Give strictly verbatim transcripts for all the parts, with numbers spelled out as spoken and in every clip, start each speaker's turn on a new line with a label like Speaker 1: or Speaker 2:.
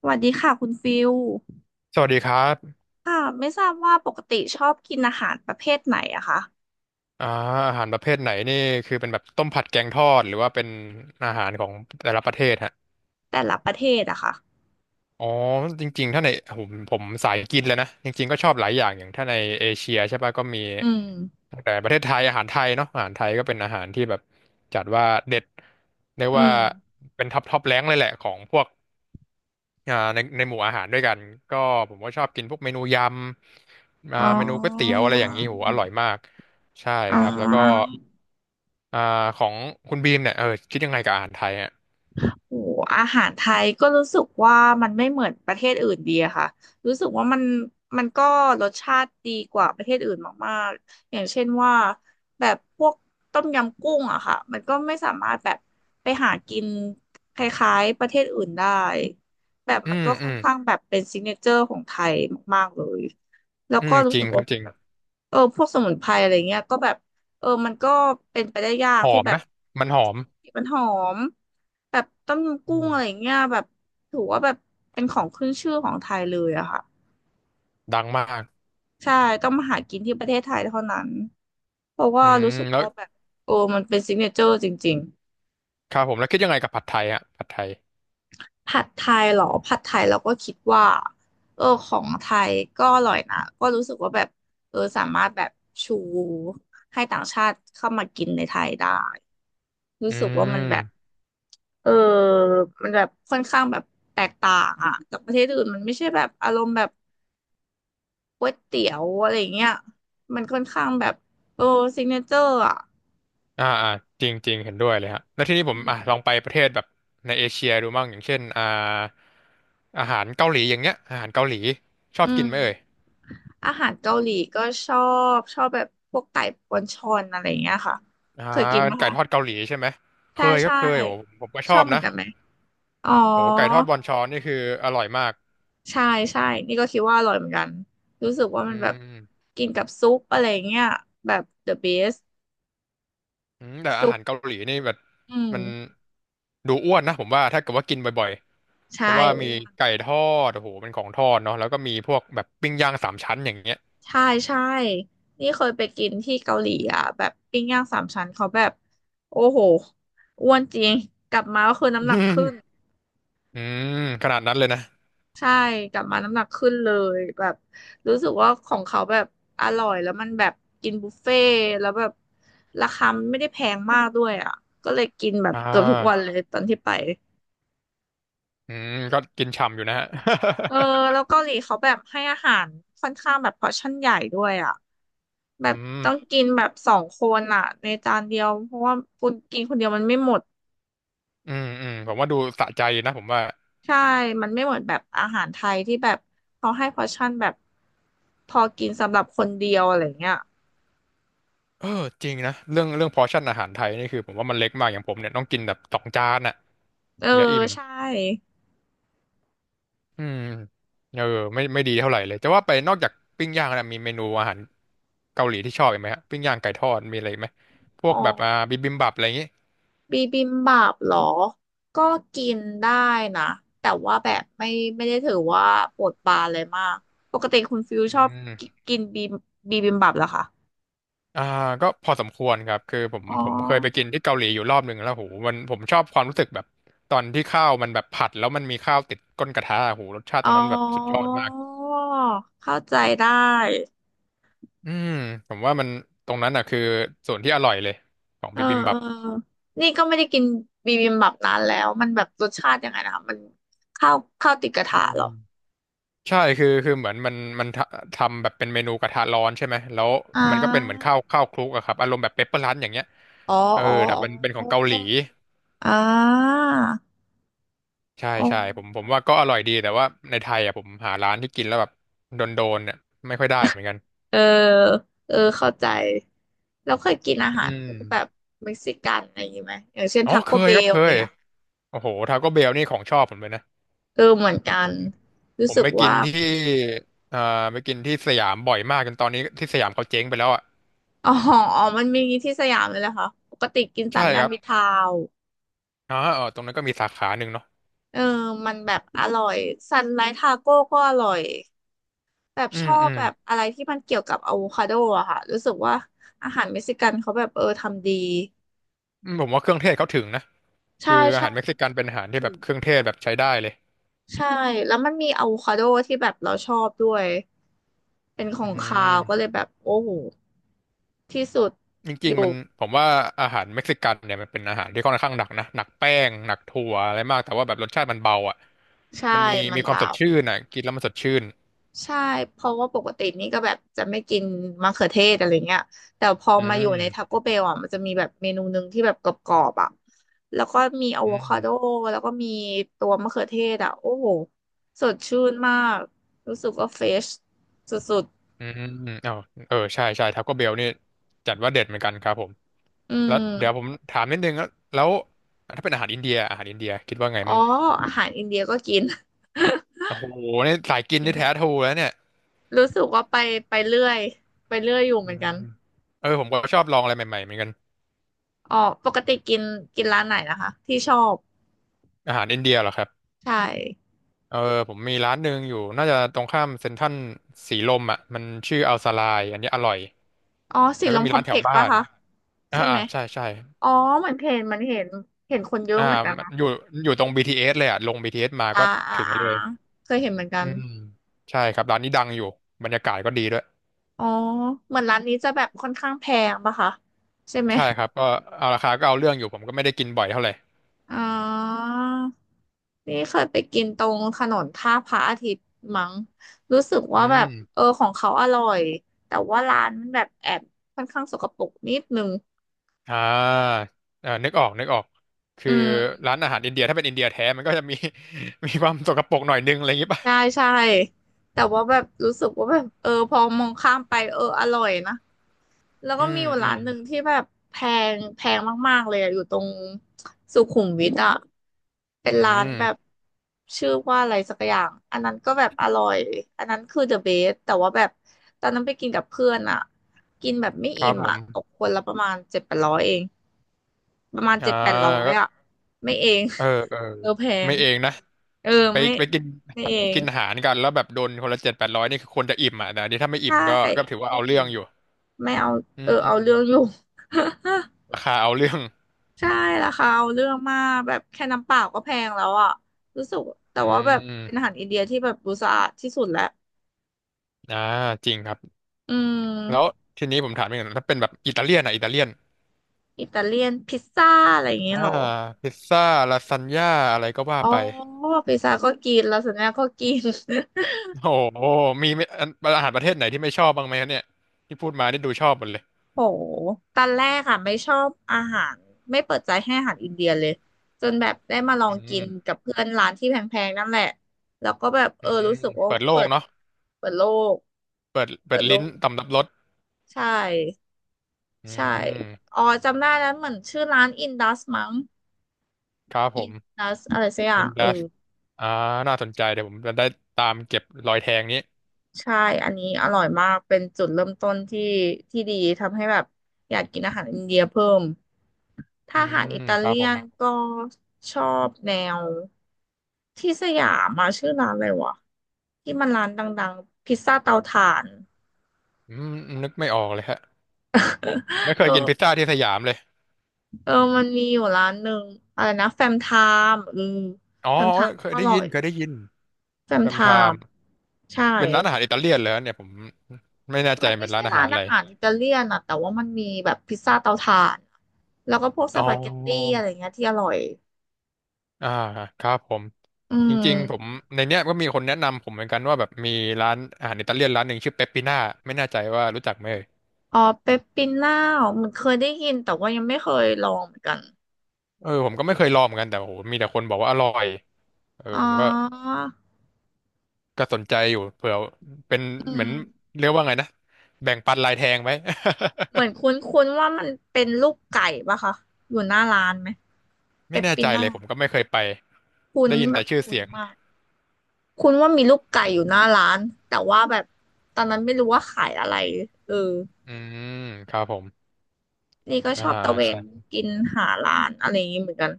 Speaker 1: สวัสดีค่ะคุณฟิล
Speaker 2: สวัสดีครับ
Speaker 1: ค่ะไม่ทราบว่าปกติชอบกินอาหารประเภทไหนอะคะ
Speaker 2: อ่าอาหารประเภทไหนนี่คือเป็นแบบต้มผัดแกงทอดหรือว่าเป็นอาหารของแต่ละประเทศฮะ
Speaker 1: แต่ละประเทศอะค่ะ
Speaker 2: อ๋อจริงๆถ้าในผมผมสายกินเลยนะจริงๆก็ชอบหลายอย่างอย่างถ้าในเอเชียใช่ปะก็มี
Speaker 1: อืม
Speaker 2: ตั้งแต่ประเทศไทยอาหารไทยเนาะอาหารไทยก็เป็นอาหารที่แบบจัดว่าเด็ดเรียก
Speaker 1: อื
Speaker 2: ว่า
Speaker 1: ม
Speaker 2: เป็นท็อปท็อปแรงเลยแหละของพวกอ่าในในหมู่อาหารด้วยกันก็ผมก็ชอบกินพวกเมนูยำอ่า
Speaker 1: อ๋อ
Speaker 2: เมนูก๋วยเตี๋ยวอะไรอย่างนี้โหอร่อยมากใช่
Speaker 1: อ๋อ
Speaker 2: ครับแล้วก็ อ่าของคุณบีมเนี่ยเออคิดยังไงกับอาหารไทยอ่ะ
Speaker 1: โอ้อาหารไทยก็รู้สึกว่ามันไม่เหมือนประเทศอื่นดีอะค่ะรู้สึกว่ามันมันก็รสชาติดีกว่าประเทศอื่นมากๆ อย่างเช่นว่าแบบพวกต้มยำกุ้งอะค่ะมันก็ไม่สามารถแบบไปหากินคล้ายๆประเทศอื่นได้แบบ
Speaker 2: อื
Speaker 1: มัน
Speaker 2: ม
Speaker 1: ก็
Speaker 2: อื
Speaker 1: ค่อน
Speaker 2: ม
Speaker 1: ข้างแบบเป็นซิกเนเจอร์ของไทยมากๆเลยแล้ว
Speaker 2: อื
Speaker 1: ก็
Speaker 2: ม
Speaker 1: รู้
Speaker 2: จริ
Speaker 1: สึ
Speaker 2: ง
Speaker 1: ก
Speaker 2: ครั
Speaker 1: ว่า
Speaker 2: บจริง
Speaker 1: แบบเออพวกสมุนไพรอะไรเงี้ยก็แบบ เออมันก็เป็นไปได้ยาก
Speaker 2: หอ
Speaker 1: ที่
Speaker 2: ม
Speaker 1: แบบ
Speaker 2: นะมันหอม
Speaker 1: มันหอมแบบต้มยำกุ้
Speaker 2: อื
Speaker 1: ง
Speaker 2: ม
Speaker 1: อะไรอย่างเงี้ยแบบถือว่าแบบเป็นของขึ้นชื่อของไทยเลยอะค่ะ
Speaker 2: ดังมาก
Speaker 1: ใช่ต้องมาหากินที่ประเทศไทยเท่านั้นเพราะว่า
Speaker 2: อื
Speaker 1: รู้
Speaker 2: ม
Speaker 1: สึก
Speaker 2: แล้ว
Speaker 1: ว่าแบบโอ้มันเป็นซิกเนเจอร์จริง
Speaker 2: ครับผมแล้วคิดยังไงกับผัดไทยอ่ะผัดไทย
Speaker 1: ๆผัดไทยเหรอผัดไทยเราก็คิดว่าเออของไทยก็อร่อยนะก็รู้สึกว่าแบบเออสามารถแบบชูให้ต่างชาติเข้ามากินในไทยได้รู้
Speaker 2: อื
Speaker 1: สึกว่ามันแบบ
Speaker 2: ม
Speaker 1: เออมันแบบค่อนข้างแบบแตกต่างอ่ะกับประเทศอื่นมันไม่ใช่แบบอารมณ์แบบก๋วยเตี๋ยวอะไรอย่างเงี้ยมันค่อนข้างแบบโอ้ซิกเนเจอร์อ่ะ
Speaker 2: อ่าอ่าจริงจริงเห็นด้วยเลยฮะแล้วทีนี้ผ
Speaker 1: อื
Speaker 2: ม
Speaker 1: ม
Speaker 2: อ่ะลองไปประเทศแบบในเอเชียดูบ้างอย่างเช่นอ่าอาหารเกาหลีอย่างเงี้ยอาหารเกาหลีชอ
Speaker 1: อื
Speaker 2: บกิน
Speaker 1: ม
Speaker 2: ไหมเอ่ย
Speaker 1: อาหารเกาหลีก็ชอบชอบแบบพวกไก่ปอนชอนอะไรอย่างเงี้ยค่ะ
Speaker 2: อ่า
Speaker 1: เคยกินไหม
Speaker 2: ไก่
Speaker 1: คะ
Speaker 2: ทอดเกาหลีใช่ไหมเค
Speaker 1: ใช่
Speaker 2: ยครับ
Speaker 1: ใช่
Speaker 2: เคยโอ้ผมก็ช
Speaker 1: ช
Speaker 2: อ
Speaker 1: อบ
Speaker 2: บ
Speaker 1: เหมือน
Speaker 2: นะ
Speaker 1: กันไหมอ๋อ
Speaker 2: โอ้ไก่ทอดบอนชอนนี่คืออร่อยมาก
Speaker 1: ใช่ใช่นี่ก็คิดว่าอร่อยเหมือนกันรู้สึกว่า
Speaker 2: อื
Speaker 1: มันแบบ
Speaker 2: ม
Speaker 1: กินกับซุปอะไรอย่างเงี้ยแบบ the best
Speaker 2: อืมแต่อา
Speaker 1: ซุ
Speaker 2: หาร
Speaker 1: ป
Speaker 2: เกาหลีนี่แบบ
Speaker 1: อืม
Speaker 2: มันดูอ้วนนะผมว่าถ้าเกิดว่ากินบ่อยๆ เพราะ
Speaker 1: ใช่
Speaker 2: ว่ามีไก่ทอดโอ้โหเป็นของทอดเนาะแล้วก็มีพวกแบบปิ้งย่างสามชั้นอย่างเงี้ย
Speaker 1: ใช่ใช่นี่เคยไปกินที่เกาหลีอ่ะแบบปิ้งย่างสามชั้นเขาแบบโอ้โหอ้วนจริงกลับมาก็คือ น้ำหนั
Speaker 2: อื
Speaker 1: กขึ้น
Speaker 2: มอืมขนาดนั้นเลยนะ
Speaker 1: ใช่กลับมาน้ำหนักขึ้นเลยแบบรู้สึกว่าของเขาแบบอร่อยแล้วมันแบบกินบุฟเฟ่ต์แล้วแบบราคามไม่ได้แพงมากด้วยอ่ะก็เลยกินแบบ
Speaker 2: อ่
Speaker 1: เกือบทุกวัน
Speaker 2: า
Speaker 1: เลยตอนที่ไป
Speaker 2: อืมก็กินฉ่ำอยู่นะฮะ
Speaker 1: เออ แล้วเกาหลีเขาแบบให้อาหารค่อนข้างแบบพอร์ชั่นใหญ่ด้วยอ่ะ แบ
Speaker 2: อื
Speaker 1: บ
Speaker 2: ม
Speaker 1: ต้องกินแบบสองคนอ่ะในจานเดียวเพราะว่าคุณกินคนเดียวมันไม่หมด
Speaker 2: อืมอืมผมว่าดูสะใจนะผมว่า
Speaker 1: ใช่มันไม่เหมือนแบบอาหารไทยที่แบบเขาให้พอร์ชั่นแบบพอกินสำหรับคนเดียวอะไรเงี้ย
Speaker 2: เออจริงนะเรื่องเรื่องพอร์ชั่นอาหารไทยนี่คือผมว่ามันเล็กมากอย่างผมเนี่ยต้องกินแบบสองจานอ่ะ
Speaker 1: เออ
Speaker 2: ถึงจะอิ่ม
Speaker 1: ใช่
Speaker 2: อืมเออไม่ไม่ดีเท่าไหร่เลยแต่ว่าไปนอกจากปิ้งย่างนะมีเมนูอาหารเกาหลีที่ชอบอีกไหมฮะปิ้งย่างไก่ทอดมีอะไรอีกไหมพว
Speaker 1: อ๋อ
Speaker 2: กแบบอ่าบิบิมบับอะไรอย่างงี้
Speaker 1: บีบิมบับเหรอก็กินได้นะแต่ว่าแบบไม่ไม่ได้ถือว่าปวดปานเลยมากปกติคุณฟิว
Speaker 2: อื
Speaker 1: ชอบกิ
Speaker 2: ม
Speaker 1: กินบีบีบิมบับเหรอคะ
Speaker 2: อ่าก็พอสมควรครับคือผม
Speaker 1: อ๋อ
Speaker 2: ผมเคยไปกินที่เกาหลีอยู่รอบหนึ่งแล้วโหมันผมชอบความรู้สึกแบบตอนที่ข้าวมันแบบผัดแล้วมันมีข้าวติดก้นกระทะโหรสชาติต
Speaker 1: อ๋อ
Speaker 2: รงนั้นแบบสุดยอดมาก
Speaker 1: เข้าใจได้
Speaker 2: อืมผมว่ามันตรงนั้นอ่ะคือส่วนที่อร่อยเลยของ
Speaker 1: เออ
Speaker 2: บิบิม
Speaker 1: เอ
Speaker 2: บั
Speaker 1: อ
Speaker 2: บ
Speaker 1: นี่ก็ไม่ได้กินบิบิมบับนานแล้วมันแบบรสชาติยังไงนะมันข้าวข้าวติดกระทะเหรอ
Speaker 2: ใช่คือคือเหมือนมันมันทำทำแบบเป็นเมนูกระทะร้อนใช่ไหมแล้ว
Speaker 1: อ่า
Speaker 2: มันก็เป็นเหมือนข้าวข้าวคลุกอะครับอารมณ์แบบเปปเปอร์รันอย่างเงี้ย
Speaker 1: อ๋อ
Speaker 2: เออ
Speaker 1: อ๋อ
Speaker 2: แต่มันเป็นข
Speaker 1: อ๋
Speaker 2: องเกาหลี
Speaker 1: ออ่า
Speaker 2: ใช่
Speaker 1: อ๋อ
Speaker 2: ใช่ผมผมว่าก็อร่อยดีแต่ว่าในไทยอะผมหาร้านที่กินแล้วแบบโดนโดนเนี่ยไม่ค่อยได้เหมือนกัน
Speaker 1: เออเออเข้าใจแล้วเคยกินอา
Speaker 2: อื
Speaker 1: หาร
Speaker 2: ม
Speaker 1: พวกแบบเม็กซิกันอะไรอย่างงี้ไหมอย่างเช่น
Speaker 2: อ๋
Speaker 1: ท
Speaker 2: อ
Speaker 1: ก
Speaker 2: เค
Speaker 1: โกเบ
Speaker 2: ยครับ
Speaker 1: ล
Speaker 2: เค
Speaker 1: อะไร
Speaker 2: ย
Speaker 1: เงี้ย
Speaker 2: โอ้โหทาโก้เบลนี่ของชอบผมเลยนะ
Speaker 1: เออเหมือนกัน
Speaker 2: ผ
Speaker 1: รู้
Speaker 2: ม
Speaker 1: สึก
Speaker 2: ไปกิน
Speaker 1: ว่า
Speaker 2: ที่อ่าไปกินที่สยามบ่อยมากจนตอนนี้ที่สยามเขาเจ๊งไปแล้วอ่ะ
Speaker 1: อ๋ออ๋อมันมีที่สยามเลยเหรอคะปกติกินสา
Speaker 2: ใช่
Speaker 1: มย่า
Speaker 2: ค
Speaker 1: น
Speaker 2: รับ
Speaker 1: มิตรทาวน์
Speaker 2: อ๋อเออตรงนั้นก็มีสาขาหนึ่งเนาะ
Speaker 1: เออมันแบบอร่อยซันไลท์ทาโก้ก็อร่อย แบบ
Speaker 2: อื
Speaker 1: ช
Speaker 2: ม
Speaker 1: อ
Speaker 2: อื
Speaker 1: บ
Speaker 2: ม
Speaker 1: แบบอะไรที่มันเกี่ยวกับอะโวคาโดอะค่ะรู้สึกว่าอาหารเม็กซิกันเขาแบบเออทำดี
Speaker 2: อืมผมว่าเครื่องเทศเขาถึงนะ
Speaker 1: ใช่
Speaker 2: คืออา
Speaker 1: ใช่
Speaker 2: หารเม็กซิกันเป็นอาหารที่
Speaker 1: ถึ
Speaker 2: แบ
Speaker 1: ง
Speaker 2: บเครื่องเทศแบบใช้ได้เลย
Speaker 1: ใช่แล้วมันมีอะโวคาโดที่แบบเราชอบด้วยเป็นข
Speaker 2: อื
Speaker 1: องคาวก็เล
Speaker 2: ม
Speaker 1: ยแบบโอ้โหที่สุด
Speaker 2: จ
Speaker 1: อ
Speaker 2: ริงๆ
Speaker 1: ยู่
Speaker 2: มันผมว่าอาหารเม็กซิกันเนี่ยมันเป็นอาหารที่ค่อนข้างหนักนะหนักแป้งหนักถั่วอะไรมากแต่ว่าแบบรสชาติมันเบาอ่ะมั
Speaker 1: ใช่
Speaker 2: นมี
Speaker 1: มั
Speaker 2: มี
Speaker 1: น
Speaker 2: ความส
Speaker 1: เบา
Speaker 2: ดชื่นอ่ะกินแล้วมันสดชื่น
Speaker 1: ใช่เพราะว่าปกตินี่ก็แบบจะไม่กินมะเขือเทศอะไรเงี้ยแต่พอ
Speaker 2: อื
Speaker 1: มาอยู่
Speaker 2: ม
Speaker 1: ในท a c โกเบลอ่ะมันจะมีแบบเมนูหนึ่งที่แบบกรอบๆอ่ะแล้วก็มีอะโว
Speaker 2: อืม
Speaker 1: คาโดแล้วก็มีตัวมะเขือเทศอ่ะโอ้โหสดชื่นมากรู้สึกว่าเฟชสุด
Speaker 2: อืมอ้าวเออใช่ใช่ทาโก้เบลนี่จัดว่าเด็ดเหมือนกันครับผม
Speaker 1: ๆอื
Speaker 2: แล้ว
Speaker 1: ม
Speaker 2: เดี๋ยวผมถามนิดนึงแล้วแล้วถ้าเป็นอาหารอินเดียอาหารอินเดียคิดว่าไง
Speaker 1: อ๋อ
Speaker 2: มั่ง
Speaker 1: อาหารอินเดียก็กิน
Speaker 2: โอ้โหนี่สายกินนี่แท้ท รูแล้วเนี่ย
Speaker 1: รู้สึกว่าไปไปเรื่อยไปเรื่อยอยู่เห
Speaker 2: อื
Speaker 1: มือน
Speaker 2: ม
Speaker 1: กัน
Speaker 2: เออผมก็ชอบลองอะไรใหม่ๆเหมือนกัน
Speaker 1: อ๋อปกติกินกินร้านไหนนะคะที่ชอบ
Speaker 2: อาหารอินเดียเหรอครับ
Speaker 1: ใช่
Speaker 2: เออผมมีร้านหนึ่งอยู่น่าจะตรงข้ามเซ็นทรัลสีลมอ่ะมันชื่ออัลซาลายอันนี้อร่อย
Speaker 1: อ๋อสี
Speaker 2: แล้ว
Speaker 1: ล
Speaker 2: ก็
Speaker 1: ม
Speaker 2: มี
Speaker 1: คอ
Speaker 2: ร้า
Speaker 1: ม
Speaker 2: น
Speaker 1: เพ
Speaker 2: แถ
Speaker 1: ล็
Speaker 2: ว
Speaker 1: กซ์
Speaker 2: บ้า
Speaker 1: ป่ะ
Speaker 2: น
Speaker 1: คะ
Speaker 2: อ่า
Speaker 1: ใช่
Speaker 2: อ่า
Speaker 1: ไหม
Speaker 2: ใช่ใช่
Speaker 1: อ๋อเหมือนเห็นเหมันเห็นเห็นคนเยอะ
Speaker 2: อ่า
Speaker 1: เหมือนกัน
Speaker 2: มัน
Speaker 1: นะ
Speaker 2: อยู่อยู่ตรง บี ที เอส เอสเลยอ่ะลง บี ที เอส มา
Speaker 1: อ่า
Speaker 2: ก็
Speaker 1: อ่า
Speaker 2: ถึง
Speaker 1: อ่า
Speaker 2: เลย
Speaker 1: เคยเห็นเหมือนกั
Speaker 2: อื
Speaker 1: น
Speaker 2: มใช่ครับร้านนี้ดังอยู่บรรยากาศก็ดีด้วย
Speaker 1: อ๋อเหมือนร้านนี้จะแบบค่อนข้างแพงปะคะใช่ไหม
Speaker 2: ใช่ครับก็เอาราคาก็เอาเรื่องอยู่ผมก็ไม่ได้กินบ่อยเท่าไหร่
Speaker 1: อ๋อนี่เคยไปกินตรงถนนท่าพระอาทิตย์มั้งรู้สึก
Speaker 2: อื
Speaker 1: ว่าแบบ
Speaker 2: ม
Speaker 1: เออของเขาอร่อยแต่ว่าร้านมันแบบแอบค่อนข้างสกปรกนิดนึง
Speaker 2: อ่าเออนึกออกนึกออกคื
Speaker 1: อื
Speaker 2: อ
Speaker 1: ม
Speaker 2: ร้านอาหารอินเดียถ้าเป็นอินเดียแท้มันก็จะมี มีความสกปรกหน่อยนึงอะไรอย่างงี้ป่ะ
Speaker 1: ใช่ใช่แต่ว่าแบบรู้สึกว่าแบบเออพอมองข้ามไปเอออร่อยนะ แล้ว
Speaker 2: อื
Speaker 1: ก็มี
Speaker 2: ม
Speaker 1: อยู่
Speaker 2: อื
Speaker 1: ร้า
Speaker 2: ม
Speaker 1: นหนึ่งที่แบบแพงแพงมากๆเลยอะอยู่ตรงสุขุมวิทอ่ะเป็น
Speaker 2: อื
Speaker 1: ร้านแบบ
Speaker 2: ม
Speaker 1: ชื่อว่าอะไรสักอย่างอันนั้นก็แบบอร่อยอันนั้นคือ the best แต่ว่าแบบตอนนั้นไปกินกับเพื่อนอ่ะกินแบบไม่
Speaker 2: ครั
Speaker 1: อิ่
Speaker 2: บ
Speaker 1: ม
Speaker 2: ผ
Speaker 1: อ่ะ
Speaker 2: ม
Speaker 1: ตกคนละประมาณเจ็ดแปดร้อยเองประมาณ
Speaker 2: อ่า
Speaker 1: เจ็ดแปดร้อย
Speaker 2: ก็
Speaker 1: อ่ะไม่เอง
Speaker 2: เออเออ
Speaker 1: เออแพง
Speaker 2: ไม่เองนะ
Speaker 1: เออ
Speaker 2: ไป
Speaker 1: ไม่
Speaker 2: ไปกิน
Speaker 1: ไม่เอง
Speaker 2: กินอาหารกันแล้วแบบโดนคนละเจ็ดแปดร้อยนี่คือคนจะอิ่มอ่ะแต่อันนี้ถ้าไม่อิ่
Speaker 1: ใช่
Speaker 2: มก็ก็ถือว่า
Speaker 1: ไม่
Speaker 2: เอาเรื่องอยู่
Speaker 1: ไม่เอา
Speaker 2: อื
Speaker 1: เอ
Speaker 2: ม
Speaker 1: อ
Speaker 2: อื
Speaker 1: เอา
Speaker 2: ม
Speaker 1: เรื่องอยู่
Speaker 2: ราคาเอาเรื่อง
Speaker 1: ใช่ราคาเอาเรื่องมากแบบแค่น้ำเปล่าก็แพงแล้วอ่ะรู้สึกแต่
Speaker 2: อื
Speaker 1: ว่าแบบเป็นอา
Speaker 2: ม
Speaker 1: หารอินเดียที่แบบดูสะอาดที่สุดแล้ว
Speaker 2: อ่าจริงครับ
Speaker 1: อื
Speaker 2: แล้ว
Speaker 1: ม
Speaker 2: ทีนี้ผมถามอีกหน่อยถ้าเป็นแบบอิตาเลียนอ่ะอิตาเลียน
Speaker 1: อิตาเลียนพิซซ่าอะไรอย่างเงี้
Speaker 2: อ่า
Speaker 1: ยเหรอ
Speaker 2: พิซซ่าลาซานญ่าอะไรก็ว่า
Speaker 1: อ๋อ
Speaker 2: ไป
Speaker 1: พิซซ่าก็กินลาซานญ่าก็กิน
Speaker 2: โอ้โหมีไม่อันอาหารประเทศไหนที่ไม่ชอบบ้างไหมครับเนี่ยที่พูดมานี่ดูชอบหมดเลย
Speaker 1: โหตอนแรกอ่ะไม่ชอบอาหารไม่เปิดใจให้อาหารอินเดียเลยจนแบบได้มาลอ
Speaker 2: อื
Speaker 1: งกิ
Speaker 2: ม
Speaker 1: นกับเพื่อนร้านที่แพงๆนั่นแหละแล้วก็แบบ
Speaker 2: อื
Speaker 1: เออ
Speaker 2: ม
Speaker 1: รู้สึกว่า
Speaker 2: เปิดโล
Speaker 1: เปิ
Speaker 2: ก
Speaker 1: ด
Speaker 2: เนาะ
Speaker 1: เปิดโลก
Speaker 2: เปิด
Speaker 1: เปิ
Speaker 2: เปิด
Speaker 1: ดโล
Speaker 2: ลิ้น
Speaker 1: ก
Speaker 2: ต่ำรับรส
Speaker 1: ใช่
Speaker 2: อื
Speaker 1: ใช่
Speaker 2: ม
Speaker 1: อ๋อจำได้แล้วเหมือนชื่อร้านอินดัสมั้ง
Speaker 2: ครับผ
Speaker 1: อิ
Speaker 2: ม
Speaker 1: นดัสอะไรสักอย่า
Speaker 2: อิ
Speaker 1: ง
Speaker 2: น
Speaker 1: เอ
Speaker 2: ดัส
Speaker 1: อ
Speaker 2: อ่าน่าสนใจเดี๋ยวผมจะได้ตามเก็บรอยแทงนี้
Speaker 1: ใช่อันนี้อร่อยมากเป็นจุดเริ่มต้นที่ที่ดีทำให้แบบอยากกินอาหารอินเดียเพิ่มถ้า
Speaker 2: อื
Speaker 1: อาหารอิ
Speaker 2: ม
Speaker 1: ตา
Speaker 2: ครั
Speaker 1: เลี
Speaker 2: บผ
Speaker 1: ย
Speaker 2: ม
Speaker 1: นก็ชอบแนวที่สยามมาชื่อร้านอะไรวะที่มันร้านดังๆพิซซ่าเตาถ่าน
Speaker 2: อืมนึกไม่ออกเลยฮะไม่ เค
Speaker 1: เอ
Speaker 2: ยกินพิซ
Speaker 1: อ
Speaker 2: ซ่าที่สยามเลย
Speaker 1: เออมันมีอยู่ร้านหนึ่งอะไรนะแฟมไทม์อืม
Speaker 2: อ๋อ
Speaker 1: แฟมไทม์
Speaker 2: เคย
Speaker 1: อ
Speaker 2: ได้
Speaker 1: ร่อ
Speaker 2: ยิน
Speaker 1: ย
Speaker 2: เคยได้ยิน
Speaker 1: แฟม
Speaker 2: แฟ
Speaker 1: ไท
Speaker 2: มไทม์
Speaker 1: ม์ใช่
Speaker 2: เป็นร้านอาหารอิตาเลียนเหรอเนี่ยผมไม่แน่ใจ
Speaker 1: มันไม่
Speaker 2: เป็นร้า
Speaker 1: ใช่
Speaker 2: นอา
Speaker 1: ร้า
Speaker 2: หาร
Speaker 1: น
Speaker 2: อะไร
Speaker 1: อาหารอิตาเลียนอะแต่ว่ามันมีแบบพิซซ่าเตาถ่านแล้วก็พวกส
Speaker 2: อ๋อ
Speaker 1: ปาเกตตี้อะไรเงี้ยที่อร่อย
Speaker 2: อ่าครับผม
Speaker 1: อื
Speaker 2: จ
Speaker 1: ม
Speaker 2: ริงๆผมในเนี้ยก็มีคนแนะนำผมเหมือนกันว่าแบบมีร้านอาหารอิตาเลียนร้านหนึ่งชื่อเปปปิน่าไม่แน่ใจว่ารู้จักไหมเอ่ย
Speaker 1: อ๋อเปปปิน่าเหมือนเคยได้ยินแต่ว่ายังไม่เคยลองเหมือนกัน
Speaker 2: เออผมก็ไม่เคยลองเหมือนกันแต่โหมีแต่คนบอกว่าอร่อยเออ
Speaker 1: อ๋อ
Speaker 2: ผมก็ก็สนใจอยู่เผื่อเป็น
Speaker 1: อื
Speaker 2: เหมือ
Speaker 1: ม
Speaker 2: นเรียกว่าไงนะแบ่งปันลายแทงไหม
Speaker 1: เหมือนคุ้นๆว่ามันเป็นลูกไก่ปะคะอยู่หน้าร้านไหมเป
Speaker 2: ไม่
Speaker 1: ป
Speaker 2: แน่
Speaker 1: ปิ
Speaker 2: ใจ
Speaker 1: น่า
Speaker 2: เลยผมก็ไม่เคยไป
Speaker 1: คุ้น
Speaker 2: ได้ยิน
Speaker 1: แบ
Speaker 2: แต่
Speaker 1: บ
Speaker 2: ชื่อ
Speaker 1: คุ้น
Speaker 2: เสียง
Speaker 1: มากคุ้นว่ามีลูกไก่อยู่หน้าร้านแต่ว่าแบบตอนนั้นไม่รู้ว่าขายอะไรเออ
Speaker 2: อืมครับผม
Speaker 1: นี่ก็ช
Speaker 2: อ่า
Speaker 1: อบตะเว
Speaker 2: ใช่
Speaker 1: นกินหาร้านอะไรอย่างนี้เหมือนกัน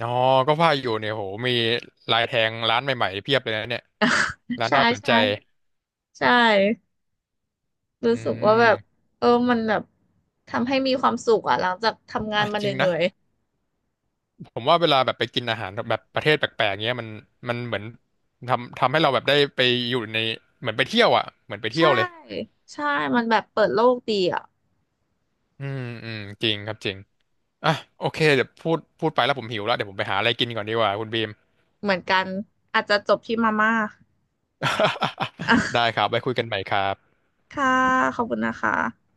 Speaker 2: อ๋อก็ว่าอยู่เนี่ยโหมีลายแทงร้านใหม่ๆเพียบเลยนะเนี่ยร้า น
Speaker 1: ใช่
Speaker 2: น่าสนใจ
Speaker 1: ใช่ใช่
Speaker 2: อื
Speaker 1: รู้สึกว่าแบบ
Speaker 2: ม
Speaker 1: เออมันแบบทำให้มีความสุขอ่ะหลังจากทำงาน
Speaker 2: อ่ะ
Speaker 1: มา
Speaker 2: จริง
Speaker 1: เห
Speaker 2: นะ
Speaker 1: นื่อย
Speaker 2: ผมว่าเวลาแบบไปกินอาหารแบบประเทศแปลกๆเงี้ยมันมันเหมือนทำทำให้เราแบบได้ไปอยู่ในเหมือนไปเที่ยวอ่ะเหมือนไป
Speaker 1: ๆ
Speaker 2: เที่ย
Speaker 1: ใช่
Speaker 2: วเลย
Speaker 1: ใช่มันแบบเปิดโลกดีอ่ะ
Speaker 2: อืมอืมจริงครับจริงอ่ะโอเคเดี๋ยวพูดพูดไปแล้วผมหิวแล้วเดี๋ยวผมไปหาอะไรกินก่อนดีกว่าคุณบีม
Speaker 1: เหมือนกันอาจจะจบที่มาม่า อ่ะ
Speaker 2: ได้ครับไว้คุยกันใหม่ครับ
Speaker 1: ค่ะขอบคุณนะคะ